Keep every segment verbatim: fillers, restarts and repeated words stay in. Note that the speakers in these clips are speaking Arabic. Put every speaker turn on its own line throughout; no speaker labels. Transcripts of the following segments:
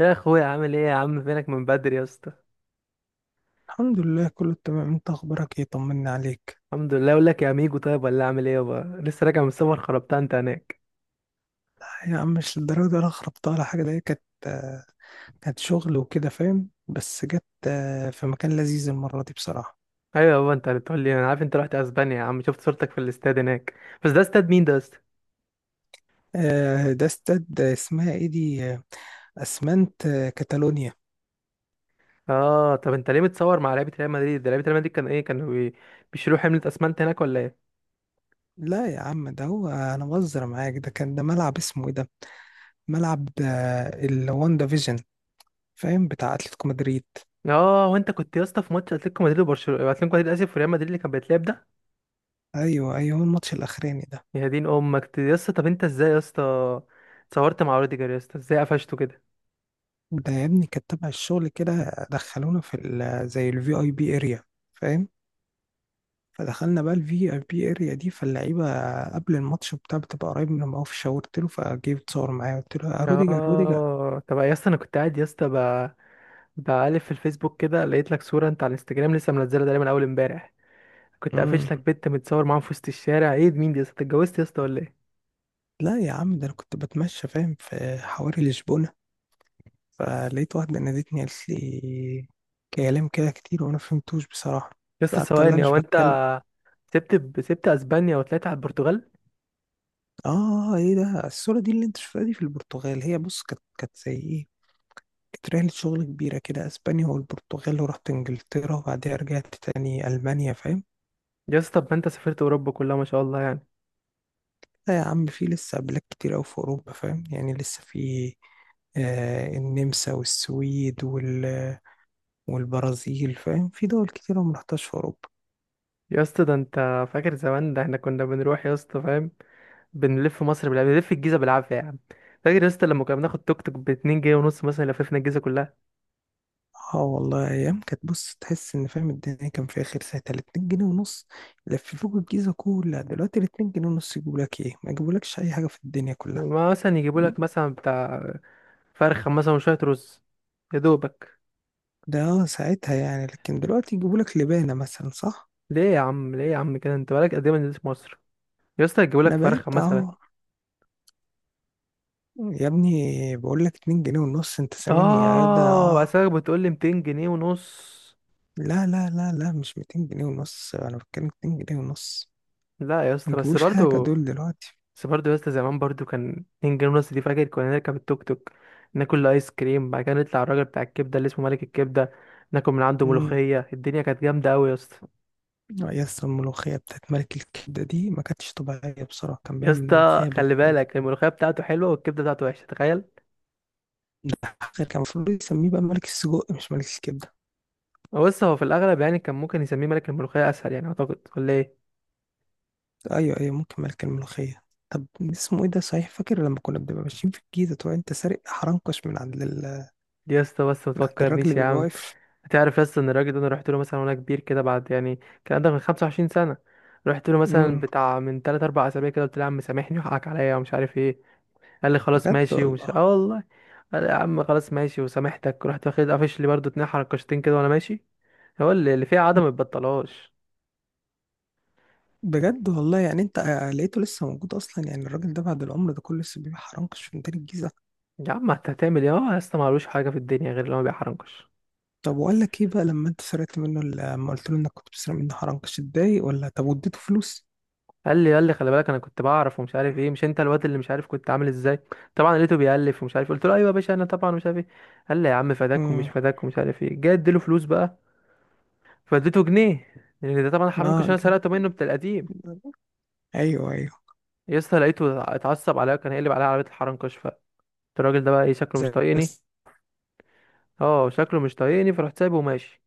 يا اخويا عامل ايه يا عم؟ فينك من بدري يا اسطى؟
الحمد لله، كله تمام. انت اخبارك ايه؟ طمنا عليك.
الحمد لله. اقول لك يا ميجو، طيب ولا اعمل ايه يابا، لسه راجع من السفر. خربتها انت هناك.
لا يا عم، مش للدرجه دي، انا خربتها على حاجه. ده كانت آه، كانت شغل وكده، فاهم؟ بس جت آه، في مكان لذيذ المره دي بصراحه.
ايوه يابا انت اللي بتقول لي. انا عارف انت رحت اسبانيا يا عم، شفت صورتك في الاستاد هناك. بس ده استاد مين ده يا اسطى؟
آه، ده استاد آه، اسمها ايه دي آه، اسمنت آه، كاتالونيا.
اه طب انت ليه متصور مع لعيبه ريال مدريد؟ ده لعيبه ريال مدريد كان ايه، كانوا بي- بيشيلوا حمله اسمنت هناك ولا ايه؟
لا يا عم، ده هو انا بهزر معاك. ده كان ده ملعب اسمه ايه ده، ملعب الواندا فيجن، فاهم؟ بتاع اتلتيكو مدريد.
اه وانت كنت يا اسطى في ماتش اتلتيكو مدريد وبرشلونه، اتلتيكو مدريد اسف وريال مدريد اللي كان بيتلعب ده؟
ايوه ايوه، هو الماتش الاخراني ده.
يا دين امك يا اسطى. طب انت ازاي يا اسطى اتصورت مع روديجر يا اسطى، ازاي قفشته كده؟
ده يا ابني كانت تبع الشغل، كده دخلونا في ال- زي الفي اي بي اريا، فاهم؟ فدخلنا بقى الفي اي بي اريا دي، فاللعيبه قبل الماتش بتاع بتبقى قريب منهم قوي، فشاورت له فجه يتصور معايا، قلت له يا روديجر، روديجر!
اه طب يا اسطى، انا كنت قاعد يا اسطى ب- بقلب في الفيسبوك كده، لقيت لك صوره انت على الانستجرام لسه منزلها ده من اول امبارح. كنت
امم.
قافش لك بنت متصور معاها في وسط الشارع، ايه ده، مين دي يا اسطى؟ أنت اتجوزت يا اسطى ولا ايه؟
لا يا عم، ده انا كنت بتمشى، فاهم، في حواري لشبونه، فلقيت واحده نادتني قالت لي كلام كده كتير وانا فهمتوش بصراحه.
يا اسطى
قعدت اقول لها
ثواني،
مش
هو انت
بتكلم.
سبت سبت اسبانيا وطلعت على البرتغال؟
اه، ايه ده الصوره دي اللي انت شفتها دي في البرتغال؟ هي بص كانت كانت زي ايه. كانت رحلة شغل كبيرة كده، أسبانيا والبرتغال، ورحت إنجلترا، وبعدها رجعت تاني ألمانيا، فاهم.
يا اسطى طب ما انت سافرت اوروبا كلها ما شاء الله يعني.
لا يا عم، في لسه بلاد كتير أوي في أوروبا، فاهم، يعني لسه في آه النمسا والسويد وال والبرازيل، فاهم، في دول كتير أنا مرحتهاش في أوروبا.
يا اسطى ده انت فاكر زمان، ده احنا كنا بنروح يا اسطى فاهم، بنلف مصر بالعافيه، بنلف الجيزه بالعافيه يا عم. فاكر يا اسطى لما كنا بناخد توك توك ب اتنين جنيه ونص مثلا، لففنا الجيزه كلها.
اه والله، أيام كانت، بص، تحس إن، فاهم، الدنيا كان فيها خير ساعتها. الاتنين جنيه ونص لففوك الجيزة كلها، دلوقتي الاتنين جنيه ونص يجيبولك ايه؟ ما يجيبولكش أي حاجة في الدنيا كلها.
ما مثلا يجيبوا
م-
لك مثلا بتاع فرخة مثلا وشوية رز، يا دوبك.
ده ساعتها يعني، لكن دلوقتي يجيبولك لبانة مثلا، صح.
ليه يا عم، ليه يا عم كده، انت بقالك قد ايه ما نزلتش مصر يا اسطى؟
انا
هتجيبولك
بقالي
فرخة
بتاع
مثلا؟
أهو. يا ابني بقول لك اتنين جنيه ونص، انت سامعني يا
اه
جدع؟
بس بتقول لي ميتين جنيه ونص.
لا لا لا لا، مش ميتين جنيه ونص، انا بتكلم اتنين جنيه ونص.
لا يا
ما
اسطى بس
يجيبوش حاجه
برضو،
دول دلوقتي.
بس برضو يا اسطى، زمان برضو كان اتنين جنيه ونص دي، فاكر كنا نركب التوك توك، ناكل ايس كريم، بعد كده نطلع الراجل بتاع الكبده اللي اسمه ملك الكبده، ناكل من عنده
امم.
ملوخيه. الدنيا كانت جامده قوي يا اسطى.
يا اسطى، الملوخيه بتاعت ملك الكبده دي ما كانتش طبيعيه بصراحه، كان
يا
بيعمل
اسطى
ملوخيه بت...
خلي بالك الملوخيه بتاعته حلوه والكبده بتاعته وحشه، تخيل.
غير كان المفروض يسميه بقى ملك السجق مش ملك الكبده.
هو بص، هو في الاغلب يعني كان ممكن يسميه ملك الملوخيه اسهل يعني اعتقد، ولا ايه؟
ايوه ايوه، ممكن ملك الملوخيه. طب اسمه ايه ده، صحيح فاكر لما كنا بنبقى ماشيين في الجيزه تقول انت سارق حرنكش من عند ال...
يا اسطى بس ما
من عند الراجل اللي
تفكرنيش يا
بيبقى
عم.
واقف؟
هتعرف يا اسطى ان الراجل ده انا رحت له مثلا وانا كبير كده، بعد يعني كان عندك من خمسة وعشرين سنه. رحت له مثلا بتاع من ثلاثة اربع اسابيع كده، قلت له يا عم سامحني وحقك عليا ومش عارف ايه. قال لي خلاص
بجد
ماشي ومش،
والله.
اه والله. قال لي يا عم خلاص ماشي وسامحتك، رحت واخد، قافش لي برضه اتنين حركشتين كده وانا ماشي. هو اللي اللي فيها عدم ما يتبطلهاش.
بجد والله، يعني انت لقيته لسه موجود اصلا، يعني الراجل ده بعد العمر ده كله لسه بيبيع حرنكش في ميدان الجيزه.
يا عم انت هتعمل ايه؟ هو يا اسطى معلوش، حاجه في الدنيا غير اللي هو بيحرنكش.
طب واقول لك ايه بقى، لما انت سرقت منه ال- لما قلت له انك كنت بتسرق منه حرنكش، اتضايق ولا طب واديته فلوس؟
قال لي قال لي خلي بالك انا كنت بعرف ومش عارف ايه، مش انت الواد اللي مش عارف كنت عامل ازاي. طبعا لقيته بيألف ومش عارف، قلت له ايوه يا باشا انا طبعا مش عارف ايه. قال لي يا عم فداك ومش
امم.
فداك ومش عارف ايه، جاي اديله فلوس بقى، فاديته جنيه، لان ده طبعا
اه
حرنكش انا
ج-
سرقته منه بتاع القديم.
ايوه ايوه.
يا اسطى لقيته اتعصب عليا، كان هيقلب عليا عربيه الحرنكش، فقلت الراجل ده بقى ايه، شكله مش
زي
طايقني.
بس.
اه شكله مش طايقني، فرحت سايبه وماشي.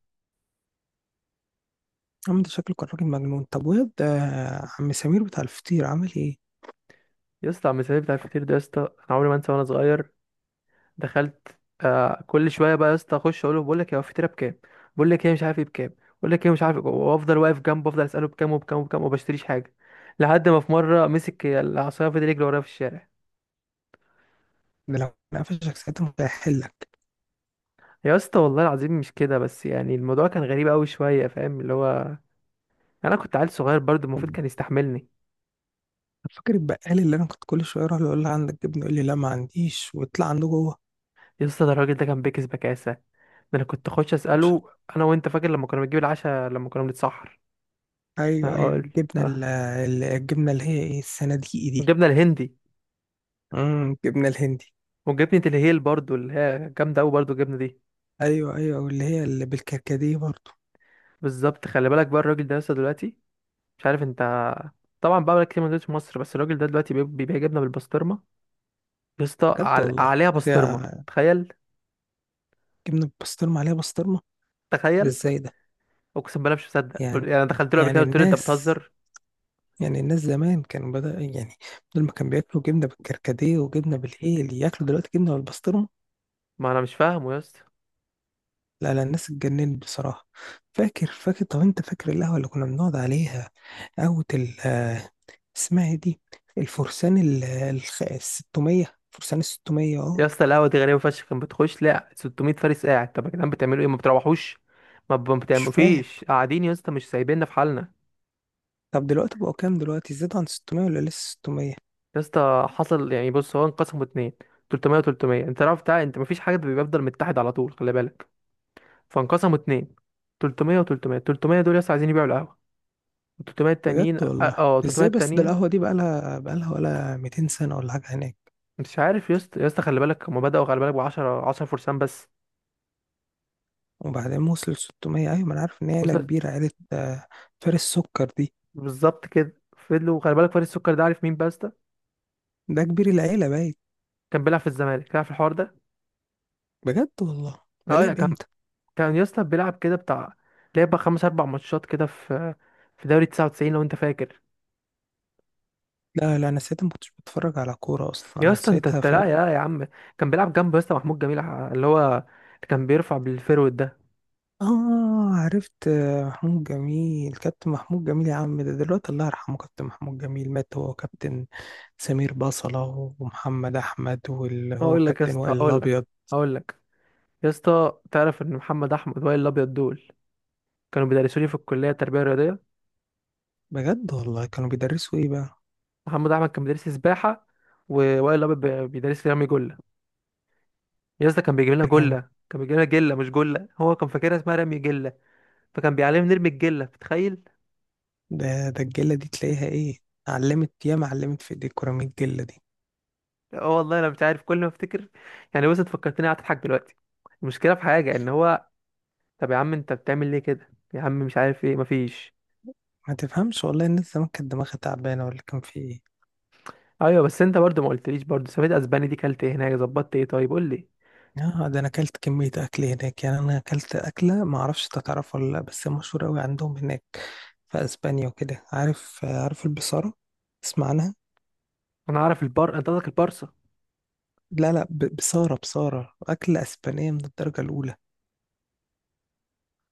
عم ده شكله كان راجل مجنون. طب واد آه، عم سمير بتاع الفطير عامل ايه؟
يا اسطى عم سيف بتاع الفطير ده، يا اسطى انا عمري ما انسى، وانا صغير دخلت آه كل شويه بقى يا اسطى، اخش اقول له، بقول لك يا هو الفطيره بكام، بقول لك ايه مش عارف ايه بكام، بقول لك ايه مش عارف إيه، وافضل واقف جنبه افضل اساله بكام وبكام وبكام، وما بشتريش حاجه. لحد ما في مره مسك العصايه فضل يجري ورايا في الشارع.
ده لو انا قفشك ساعتها مش هيحلك.
يا اسطى والله العظيم، مش كده بس يعني، الموضوع كان غريب قوي شويه فاهم، اللي هو انا كنت عيل صغير برضه المفروض كان يستحملني.
طب فاكر البقال اللي انا كنت كل شويه اروح له اقول له عندك جبنه، يقول لي لا ما عنديش، ويطلع عنده جوه؟
يا اسطى ده الراجل ده كان بيكس بكاسه ده. انا كنت اخش اساله، انا وانت فاكر لما كنا بنجيب العشاء لما كنا بنتسحر.
ايوه ايوه،
أقول-
الجبنه
آه.
ال- ال- الجبنه اللي هي ايه، الصناديقي دي.
جبنا الهندي.
امم الجبنه الهندي.
وجبنة الهيل برضو اللي هي جامدة أوي برضو الجبنة دي.
ايوه ايوه، واللي هي اللي بالكركديه برضه.
بالظبط خلي بالك بقى، الراجل ده لسه دلوقتي مش عارف انت، طبعا بقى بقالك كتير ما نزلتش مصر، بس الراجل ده دلوقتي بيب- بيبيع جبنة بالبسطرمة. يا اسطى
بجد
عل...
والله،
عليها
هي
بسطرمة. تخيل
جبنه بسطرمه عليها بسطرمه؟ ده
تخيل.
ازاي ده؟
اقسم بالله مش مصدق، قل-
يعني.
يعني أنا دخلت له قبل كده
يعني
قلت له انت
الناس.
بتهزر.
يعني الناس زمان كانوا بدأ يعني، بدل ما كانوا بياكلوا جبنه بالكركديه وجبنه بالايه، اللي ياكلوا دلوقتي جبنه بالبسطرمه.
ما انا مش فاهمه يا اسطى.
لا لا، الناس اتجننت بصراحه. فاكر فاكر، طب انت فاكر القهوه اللي كنا بنقعد عليها؟ قهوه اسمها إيه دي، الفرسان ال الخ- الستمية، فرسان الستمية،
يا
اه.
اسطى القهوة دي غريبة فشخ، كان بتخش لا ستمئة فارس قاعد، طب يا جدعان بتعملوا ايه؟ ما بتروحوش، ما ب- ما
مش
بتعملوا
فاهم.
فيش، قاعدين يا اسطى مش سايبيننا في حالنا.
طب دلوقتي بقوا كام؟ دلوقتي زاد عن ستمية ولا لسه ستمية؟
يا اسطى حصل يعني بص، هو انقسموا اتنين، تلتميه و300، انت عارف بتاع، انت مفيش حاجه بيبقى بيفضل متحد على طول خلي بالك. فانقسموا اتنين، تلتميه و300. تلتميه دول يا اسطى عايزين يبيعوا القهوه، و ثلاثمية
بجد
التانيين اه
والله،
آه، تلتميه
ازاي بس؟ ده
التانيين
القهوة دي بقالها بقالها ولا ميتين سنة ولا حاجة هناك.
مش عارف يا اسطى. يا اسطى خلي بالك، هما بداوا خلي بالك ب عشرة عشرة فرسان بس،
وبعدين وصل ستمية، ايوه ما انا عارف ان هي عيلة
وصلت.
كبيرة، عيلة آه، فارس سكر دي.
بالظبط كده، فضلوا خلي بالك، فريق السكر ده عارف مين بقى يا اسطى؟
ده كبير العيلة باين.
كان بيلعب في الزمالك، عارف الحوار ده؟
بجد والله، ده
اه لا،
لعب
كان
امتى؟
كان يا اسطى بيلعب كده بتاع، لعب بقى خمس اربع ماتشات كده في في دوري تسعة وتسعين لو انت فاكر.
لا لا، انا ساعتها ما كنتش بتفرج على كورة اصلا،
يا
انا
اسطى انت
ساعتها
انت لا
فاهم.
يا يا عم. كان بيلعب جنبه يا اسطى محمود جميل، ع- اللي هو اللي كان بيرفع بالفيرود ده.
اه، عرفت آه، محمود جميل. كابتن محمود جميل يا عم ده دلوقتي الله يرحمه، كابتن محمود جميل مات، هو كابتن سمير بصلة، ومحمد أحمد، واللي هو
اقول لك يا
كابتن
اسطى،
وائل
اقول لك
الأبيض.
اقول لك يا اسطى تعرف ان محمد احمد وائل الابيض دول كانوا بيدرسوا لي في الكليه التربيه الرياضيه؟
بجد والله، كانوا بيدرسوا إيه بقى؟
محمد احمد كان بيدرس لي سباحه، ووائل الابيض بي- بيدرس لي رمي جله. يا اسطى كان بيجيب لنا
ده كان.
جله، كان بيجيب لنا جله مش جله، هو كان فاكرها اسمها رمي جله، فكان بيعلمني نرمي الجله، بتخيل.
ده ده الجلة دي تلاقيها إيه، علمت ياما علمت في إيديك كرة من الجلة دي.
اه والله انا مش عارف، كل ما افتكر يعني بص، انت فكرتني قاعد اضحك دلوقتي. المشكله في حاجه ان هو، طب يا عم انت بتعمل ليه كده يا عم، مش عارف ايه، مفيش.
ما تفهمش والله، الناس زمان كانت دماغها تعبانة ولا كان في إيه؟
ايوه بس انت برضو ما قلتليش، برضو سافيت اسباني دي، كلت ايه هناك، ظبطت ايه، طيب قول لي.
اه، ده انا اكلت كمية اكل هناك، يعني انا اكلت اكلة ما اعرفش تعرف ولا لا، بس مشهورة قوي عندهم هناك في اسبانيا وكده. عارف عارف البصارة، تسمع عنها؟
انا اعرف البر، انت قصدك البارسا.
لا لا، ب- بصارة بصارة اكلة اسبانية من الدرجة الاولى.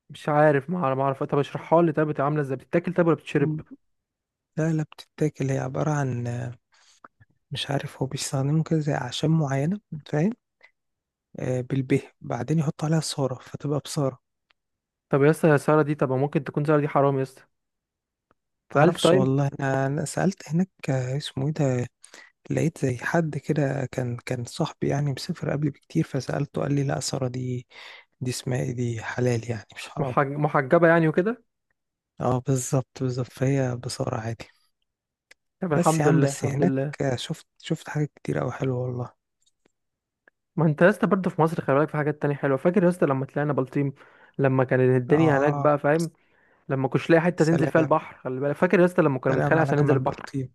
مش عارف، ما اعرف ما اعرف، طب اشرحها لي، طب بتبقى عامله ازاي، بتتاكل طب ولا بتشرب؟
مم. لا لا، بتتاكل، هي عبارة عن آه، مش عارف، هو بيستخدموا كده زي اعشاب معينة، فاهم، آه بالبه بعدين يحطوا عليها صارة فتبقى بصارة.
طب يا اسطى يا ساره دي، طب ممكن تكون ساره دي حرام يا اسطى؟ اتسالت
معرفش
طيب؟
والله، انا أنا سألت هناك آه، اسمه ايه ده. لقيت زي حد كده، كان كان صاحبي يعني، مسافر قبلي بكتير، فسألته قال لي لا، سارة دي، دي اسمها ايه دي، حلال يعني مش حرام.
محج... محجبه يعني وكده.
اه، بالظبط بالظبط، فهي بصارة عادي.
طب
بس يا
الحمد
عم،
لله،
بس
الحمد
هناك
لله.
شفت شفت حاجات كتير أوي حلوة والله.
ما انت يا اسطى برضو في مصر خلي بالك في حاجات تانية حلوه. فاكر يا اسطى لما طلعنا بلطيم، لما كانت الدنيا هناك
اه.
بقى فاهم، لما كنتش لاقي حته تنزل فيها
سلام،
البحر، خلي بالك، فاكر يا اسطى لما كنا
سلام
بنتخانق
على
عشان ننزل
جمال
البحر؟
بلطيم.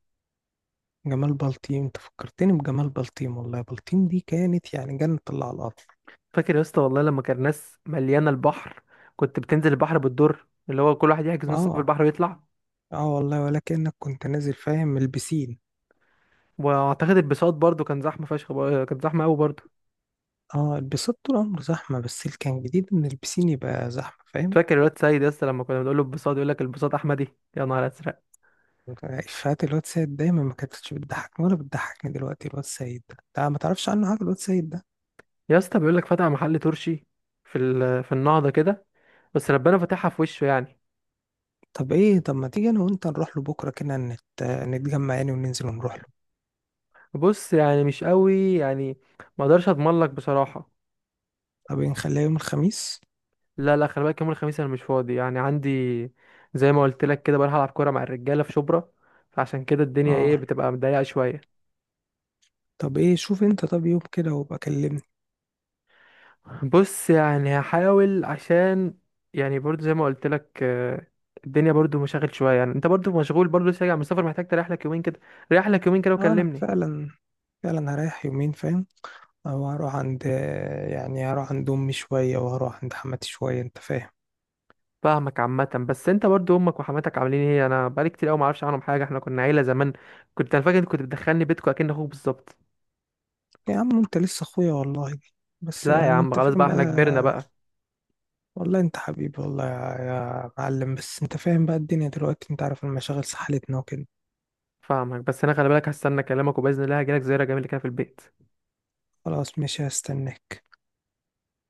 جمال بلطيم، انت فكرتني بجمال بلطيم والله. بلطيم دي كانت يعني جنة الله على الأرض.
فاكر يا اسطى والله لما كان ناس مليانه البحر، كنت بتنزل البحر بالدور، اللي هو كل واحد يحجز نص ساعه في
اه.
البحر ويطلع.
اه والله، ولكنك كنت نازل، فاهم، من البسين.
واعتقد البساط برضو كان زحمه فشخ، بر- كان زحمه قوي برضو.
اه، البسين طول عمره زحمة، بس اللي كان جديد ان البسين يبقى زحمة، فاهم.
فاكر الواد سيد يا اسطى لما كنا بنقول له البساط، يقول لك البساط احمدي، يا نهار ازرق.
إفيهات الواد سيد دايما ما كانتش بتضحكني ولا بتضحكني دلوقتي. الواد سيد ده ده ما تعرفش عنه حاجة، الواد سيد ده.
يا اسطى بيقول لك فتح محل ترشي في ال... في النهضه كده، بس ربنا فتحها في وشه يعني.
طب ايه، طب ما تيجي انا وانت نروح له بكرة كده، نت... نتجمع يعني وننزل ونروح له؟
بص يعني مش قوي يعني، ما اقدرش اضمن لك بصراحه.
طب ايه، نخليها يوم الخميس؟
لا لا خلي بالك، يوم الخميس انا مش فاضي يعني، عندي زي ما قلت لك كده، بروح العب كوره مع الرجاله في شبرا. فعشان كده الدنيا ايه،
اه،
بتبقى مضيقه شويه.
طب ايه، شوف انت طب يوم كده وابقى كلمني.
بص يعني هحاول، عشان يعني برضو زي ما قلت لك، آه، الدنيا برضو مشاغل شويه يعني. انت برضو مشغول برضو لسه راجع من السفر، محتاج تريح لك يومين كده. ريح لك يومين كده
اه، انا
وكلمني.
فعلا. فعلا هريح يومين، فاهم. او هروح عند، يعني هروح عند امي شوية وهروح عند حماتي شوية، انت فاهم.
فاهمك عامه، بس انت برضو امك وحماتك عاملين ايه؟ انا بقالي كتير قوي ما اعرفش عنهم حاجه، احنا كنا عيله زمان، كنت انا فاكر إنت كنت بتدخلني بيتكم اكن اخوك بالظبط.
يا عم انت لسه اخويا والله. بس
لا يا
يعني
عم
انت
خلاص
فاهم
بقى،
بقى.
احنا كبرنا بقى.
والله انت حبيبي والله، يا, يا معلم، بس انت فاهم بقى الدنيا دلوقتي، انت عارف المشاغل سحلتنا وكده.
فاهمك، بس انا خلي بالك، هستنى كلامك، وباذن الله هجيلك زياره جميله كده في البيت.
خلاص ماشي، هستناك.